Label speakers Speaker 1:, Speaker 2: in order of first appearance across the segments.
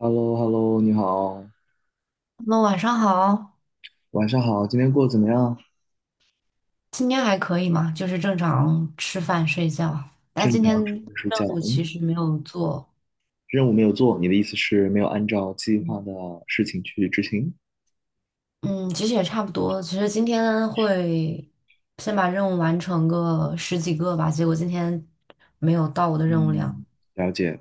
Speaker 1: h e l l o h e l l o 你好，
Speaker 2: 那晚上好。
Speaker 1: 晚上好，今天过得怎么样？
Speaker 2: 今天还可以嘛，就是正常吃饭睡觉。但
Speaker 1: 正
Speaker 2: 今天
Speaker 1: 常准备睡
Speaker 2: 任
Speaker 1: 觉。
Speaker 2: 务其
Speaker 1: 嗯，
Speaker 2: 实没有做。
Speaker 1: 任务没有做，你的意思是没有按照计划的事情去执行？
Speaker 2: 嗯，其实也差不多。其实今天会先把任务完成个十几个吧，结果今天没有到我的任务量。
Speaker 1: 嗯，了解。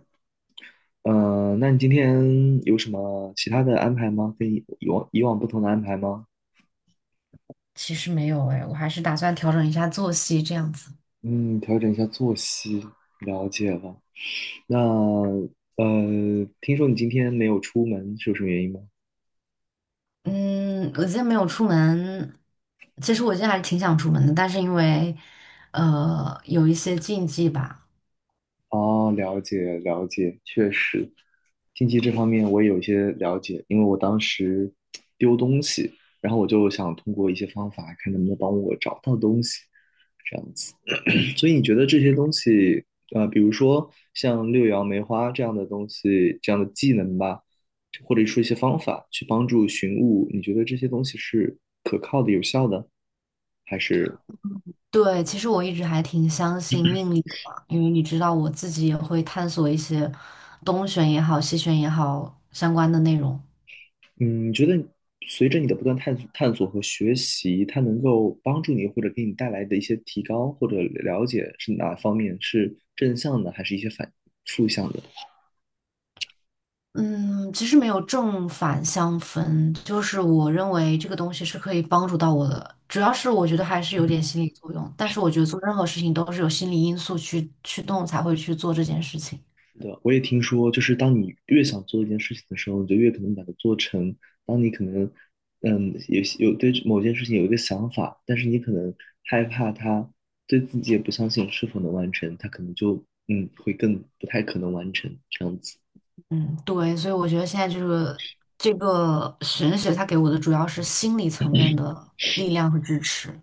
Speaker 1: 那你今天有什么其他的安排吗？跟以往不同的安排吗？
Speaker 2: 其实没有哎，我还是打算调整一下作息这样子。
Speaker 1: 嗯，调整一下作息，了解了。那听说你今天没有出门，是有什么原因吗？
Speaker 2: 嗯，我今天没有出门。其实我今天还是挺想出门的，但是因为有一些禁忌吧。
Speaker 1: 哦，了解了解，确实，经济这方面我也有一些了解，因为我当时丢东西，然后我就想通过一些方法看能不能帮我找到东西，这样子。所以你觉得这些东西，比如说像六爻梅花这样的东西，这样的技能吧，或者说一些方法去帮助寻物，你觉得这些东西是可靠的、有效的，还是？
Speaker 2: 对，其实我一直还挺相信命理的嘛，因为你知道我自己也会探索一些东玄也好、西玄也好相关的内容。
Speaker 1: 嗯，你觉得随着你的不断探索、探索和学习，它能够帮助你或者给你带来的一些提高或者了解是哪方面？是正向的，还是一些反负向的？
Speaker 2: 嗯，其实没有正反相分，就是我认为这个东西是可以帮助到我的，主要是我觉得还是有点心理作用，但是我觉得做任何事情都是有心理因素去驱动才会去做这件事情。
Speaker 1: 是的，我也听说，就是当你越想做一件事情的时候，你就越可能把它做成。当你可能，嗯，有对某件事情有一个想法，但是你可能害怕它，对自己也不相信是否能完成，它可能就会更不太可能完成这样子。
Speaker 2: 嗯，对，所以我觉得现在就是这个玄学，它给我的主要是心理层面的力量和支持。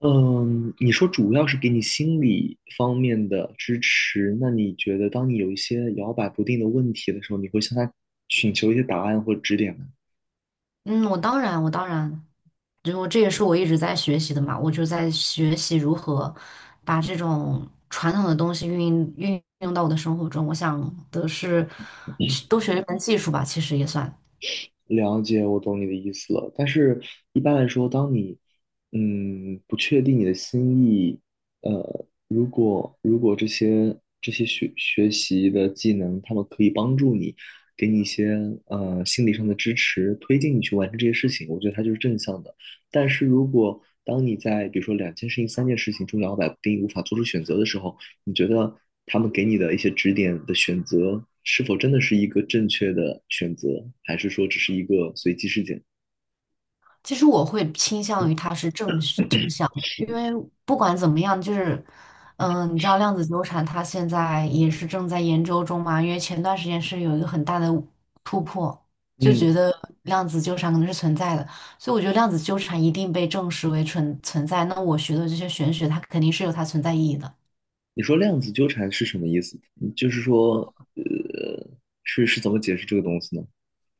Speaker 1: 嗯，你说主要是给你心理方面的支持，那你觉得当你有一些摇摆不定的问题的时候，你会向他寻求一些答案或指点吗？
Speaker 2: 嗯，我当然，就这也是我一直在学习的嘛，我就在学习如何把这种传统的东西运用到我的生活中。我想的是，多学一门技术吧，其实也算。
Speaker 1: 了解，我懂你的意思了。但是，一般来说，当你不确定你的心意，如果如果这些学习的技能，他们可以帮助你，给你一些心理上的支持，推进你去完成这些事情，我觉得它就是正向的。但是如果当你在比如说两件事情、三件事情中摇摆不定，无法做出选择的时候，你觉得他们给你的一些指点的选择，是否真的是一个正确的选择，还是说只是一个随机事件？
Speaker 2: 其实我会倾向于它是正向的，因为不管怎么样，就是，你知道量子纠缠它现在也是正在研究中嘛，因为前段时间是有一个很大的突破，就觉
Speaker 1: 嗯，
Speaker 2: 得量子纠缠可能是存在的，所以我觉得量子纠缠一定被证实为存在。那我学的这些玄学，它肯定是有它存在意义的。
Speaker 1: 你说量子纠缠是什么意思？嗯就是说，是怎么解释这个东西呢？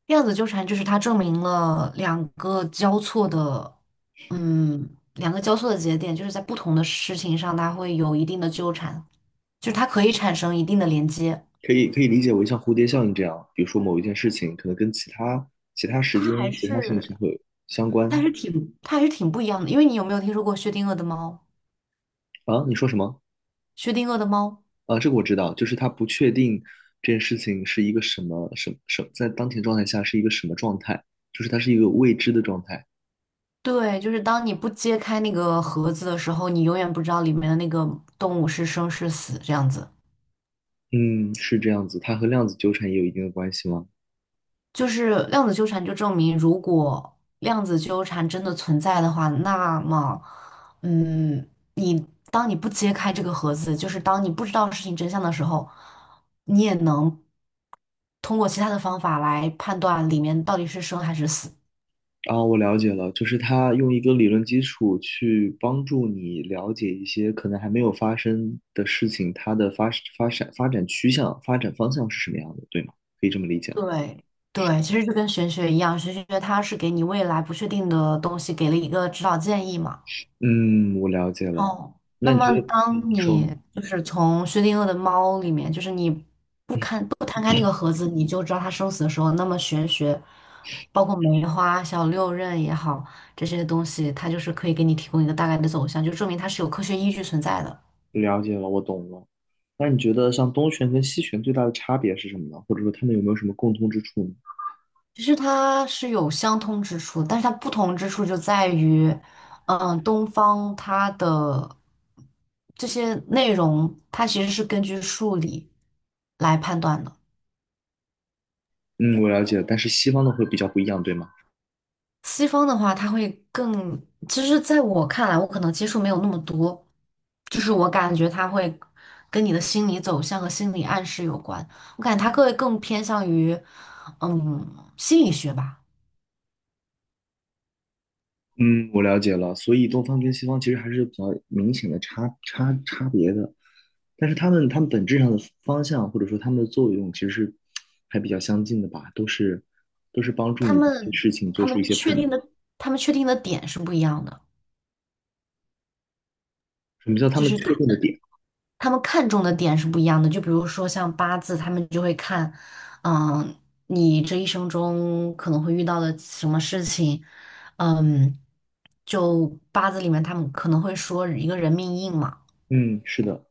Speaker 2: 量子纠缠就是它证明了两个交错的，两个交错的节点，就是在不同的事情上，它会有一定的纠缠，就是它可以产生一定的连接。
Speaker 1: 可以理解为像蝴蝶效应这样，比如说某一件事情可能跟其他其他时间、
Speaker 2: 它还
Speaker 1: 其他事情是
Speaker 2: 是，
Speaker 1: 会有相关
Speaker 2: 它还是挺不一样的。因为你有没有听说过薛定谔的猫？
Speaker 1: 啊？你说什么？
Speaker 2: 薛定谔的猫，
Speaker 1: 啊，这个我知道，就是他不确定这件事情是一个什么在当前状态下是一个什么状态，就是它是一个未知的状态。
Speaker 2: 对，就是当你不揭开那个盒子的时候，你永远不知道里面的那个动物是生是死，这样子。
Speaker 1: 嗯，是这样子，它和量子纠缠也有一定的关系吗？
Speaker 2: 就是量子纠缠就证明，如果量子纠缠真的存在的话，那么，嗯，你当你不揭开这个盒子，就是当你不知道事情真相的时候，你也能通过其他的方法来判断里面到底是生还是死。
Speaker 1: 啊，我了解了，就是它用一个理论基础去帮助你了解一些可能还没有发生的事情，它的发展趋向、发展方向是什么样的，对吗？可以这么理解吗？
Speaker 2: 对对，其实就跟玄学一样，玄学它是给你未来不确定的东西给了一个指导建议嘛。
Speaker 1: 嗯，我了解了。
Speaker 2: 哦，
Speaker 1: 那
Speaker 2: 那
Speaker 1: 你
Speaker 2: 么
Speaker 1: 觉得，
Speaker 2: 当
Speaker 1: 嗯你
Speaker 2: 你
Speaker 1: 说，
Speaker 2: 就是从薛定谔的猫里面，就是你不看 不摊开那个盒子，你就知道它生死的时候，那么玄学，包括梅花、小六壬也好，这些东西，它就是可以给你提供一个大概的走向，就证明它是有科学依据存在的。
Speaker 1: 了解了，我懂了。那你觉得像东玄跟西玄最大的差别是什么呢？或者说他们有没有什么共通之处呢？
Speaker 2: 其实它是有相通之处，但是它不同之处就在于，东方它的这些内容，它其实是根据数理来判断的。
Speaker 1: 嗯，我了解了，但是西方的会比较不一样，对吗？
Speaker 2: 西方的话，它会更，其实在我看来，我可能接触没有那么多，就是我感觉它会跟你的心理走向和心理暗示有关。我感觉它更偏向于，心理学吧。
Speaker 1: 嗯，我了解了。所以东方跟西方其实还是比较明显的差别的，但是他们本质上的方向或者说他们的作用其实是还比较相近的吧，都是帮助
Speaker 2: 他
Speaker 1: 你对
Speaker 2: 们
Speaker 1: 事情做
Speaker 2: 他
Speaker 1: 出
Speaker 2: 们
Speaker 1: 一些判
Speaker 2: 确
Speaker 1: 断。
Speaker 2: 定的他们确定的点是不一样的，
Speaker 1: 什么叫他
Speaker 2: 就
Speaker 1: 们
Speaker 2: 是他
Speaker 1: 确定的点？
Speaker 2: 他们看重的点是不一样的。就比如说像八字，他们就会看，嗯，你这一生中可能会遇到的什么事情，嗯，就八字里面他们可能会说一个人命硬嘛，
Speaker 1: 嗯，是的。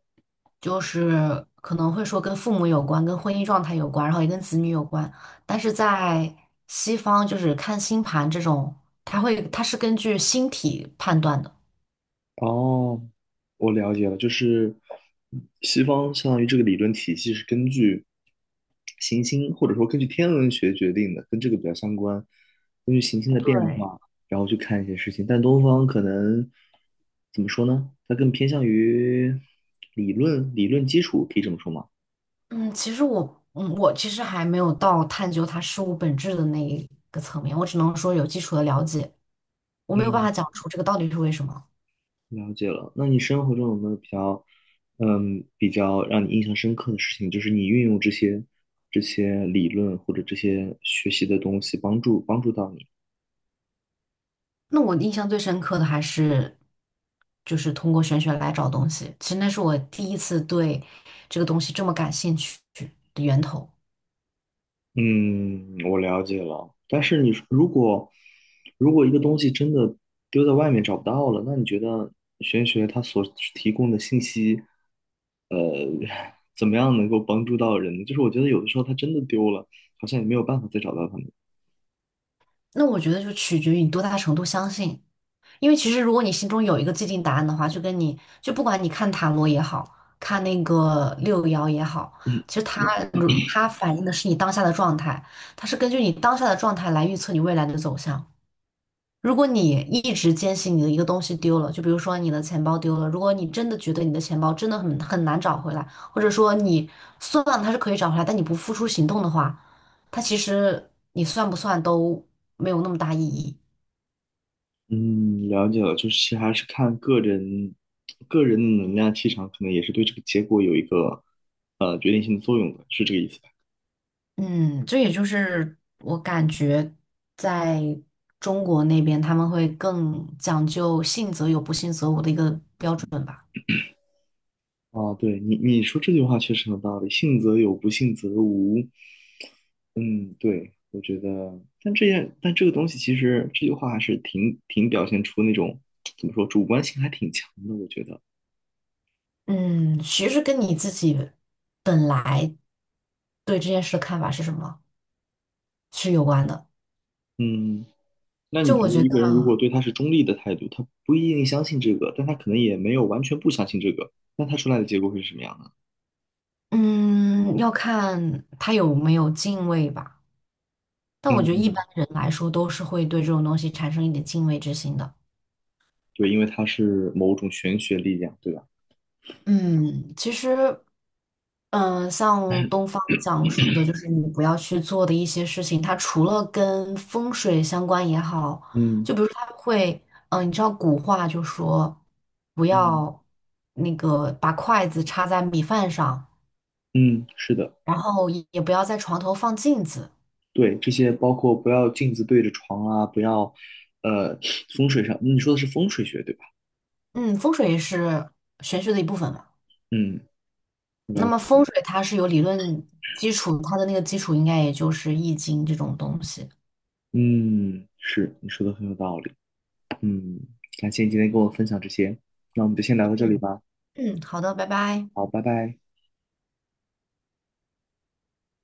Speaker 2: 就是可能会说跟父母有关，跟婚姻状态有关，然后也跟子女有关。但是在西方，就是看星盘这种，它是根据星体判断的。
Speaker 1: 哦，我了解了，就是西方相当于这个理论体系是根据行星或者说根据天文学决定的，跟这个比较相关，根据行星的变
Speaker 2: 对
Speaker 1: 化，然后去看一些事情。但东方可能怎么说呢？它更偏向于理论，理论基础，可以这么说吗？
Speaker 2: 嗯，其实我其实还没有到探究它事物本质的那一个层面，我只能说有基础的了解，我没有办
Speaker 1: 嗯。
Speaker 2: 法讲出这个到底是为什么。
Speaker 1: 了解了。那你生活中有没有比较，嗯，比较让你印象深刻的事情？就是你运用这些这些理论或者这些学习的东西，帮助到你。
Speaker 2: 那我印象最深刻的还是，就是通过玄学来找东西，其实那是我第一次对这个东西这么感兴趣的源头。
Speaker 1: 嗯，我了解了。但是你说如果如果一个东西真的丢在外面找不到了，那你觉得玄学它所提供的信息怎么样能够帮助到人呢就是我觉得有的时候它真的丢了，好像也没有办法再找到它们。
Speaker 2: 那我觉得就取决于你多大程度相信，因为其实如果你心中有一个既定答案的话，就跟你就不管你看塔罗也好看那个六爻也好，其 实它反映的是你当下的状态，它是根据你当下的状态来预测你未来的走向。如果你一直坚信你的一个东西丢了，就比如说你的钱包丢了，如果你真的觉得你的钱包真的很难找回来，或者说你算它是可以找回来，但你不付出行动的话，它其实你算不算都没有那么大意义。
Speaker 1: 嗯，了解了，就是还是看个人的能量气场，可能也是对这个结果有一个决定性的作用的，是这个意思吧？
Speaker 2: 嗯，这也就是我感觉在中国那边他们会更讲究信则有，不信则无的一个，
Speaker 1: 啊，对你说这句话确实很有道理，信则有，不信则无。嗯，对，我觉得，但这样，但这个东西其实这句话还是挺表现出那种怎么说，主观性还挺强的，我觉得。
Speaker 2: 嗯，其实跟你自己本来对这件事的看法是什么是有关的。
Speaker 1: 嗯，那
Speaker 2: 就
Speaker 1: 你觉
Speaker 2: 我
Speaker 1: 得
Speaker 2: 觉
Speaker 1: 一个人如果
Speaker 2: 得，
Speaker 1: 对他是中立的态度，他不一定相信这个，但他可能也没有完全不相信这个，那他出来的结果会是什么样呢？
Speaker 2: 嗯，要看他有没有敬畏吧。但我觉得一
Speaker 1: 嗯，
Speaker 2: 般人来说都是会对这种东西产生一点敬畏之心的。
Speaker 1: 对，因为它是某种玄学力量，对吧？
Speaker 2: 嗯，其实，嗯、像东方讲述的，就是你不要去做的一些事情，它除了跟风水相关也好，
Speaker 1: 嗯
Speaker 2: 就比如说它会，你知道古话就说，不
Speaker 1: 嗯
Speaker 2: 要那个把筷子插在米饭上，
Speaker 1: 嗯，是的，
Speaker 2: 然后也不要在床头放镜子。
Speaker 1: 对，这些包括不要镜子对着床啊，不要，呃，风水上，你说的是风水学，对吧？
Speaker 2: 嗯，风水也是玄学的一部分嘛。
Speaker 1: 嗯，
Speaker 2: 那
Speaker 1: 了
Speaker 2: 么
Speaker 1: 解。
Speaker 2: 风水它是有理论基础，它的那个基础应该也就是易经这种东西。
Speaker 1: 嗯，是，你说的很有道理。嗯，感谢你今天跟我分享这些，那我们就先聊到这里
Speaker 2: 嗯
Speaker 1: 吧。
Speaker 2: 嗯，好的，拜拜。
Speaker 1: 好，拜拜。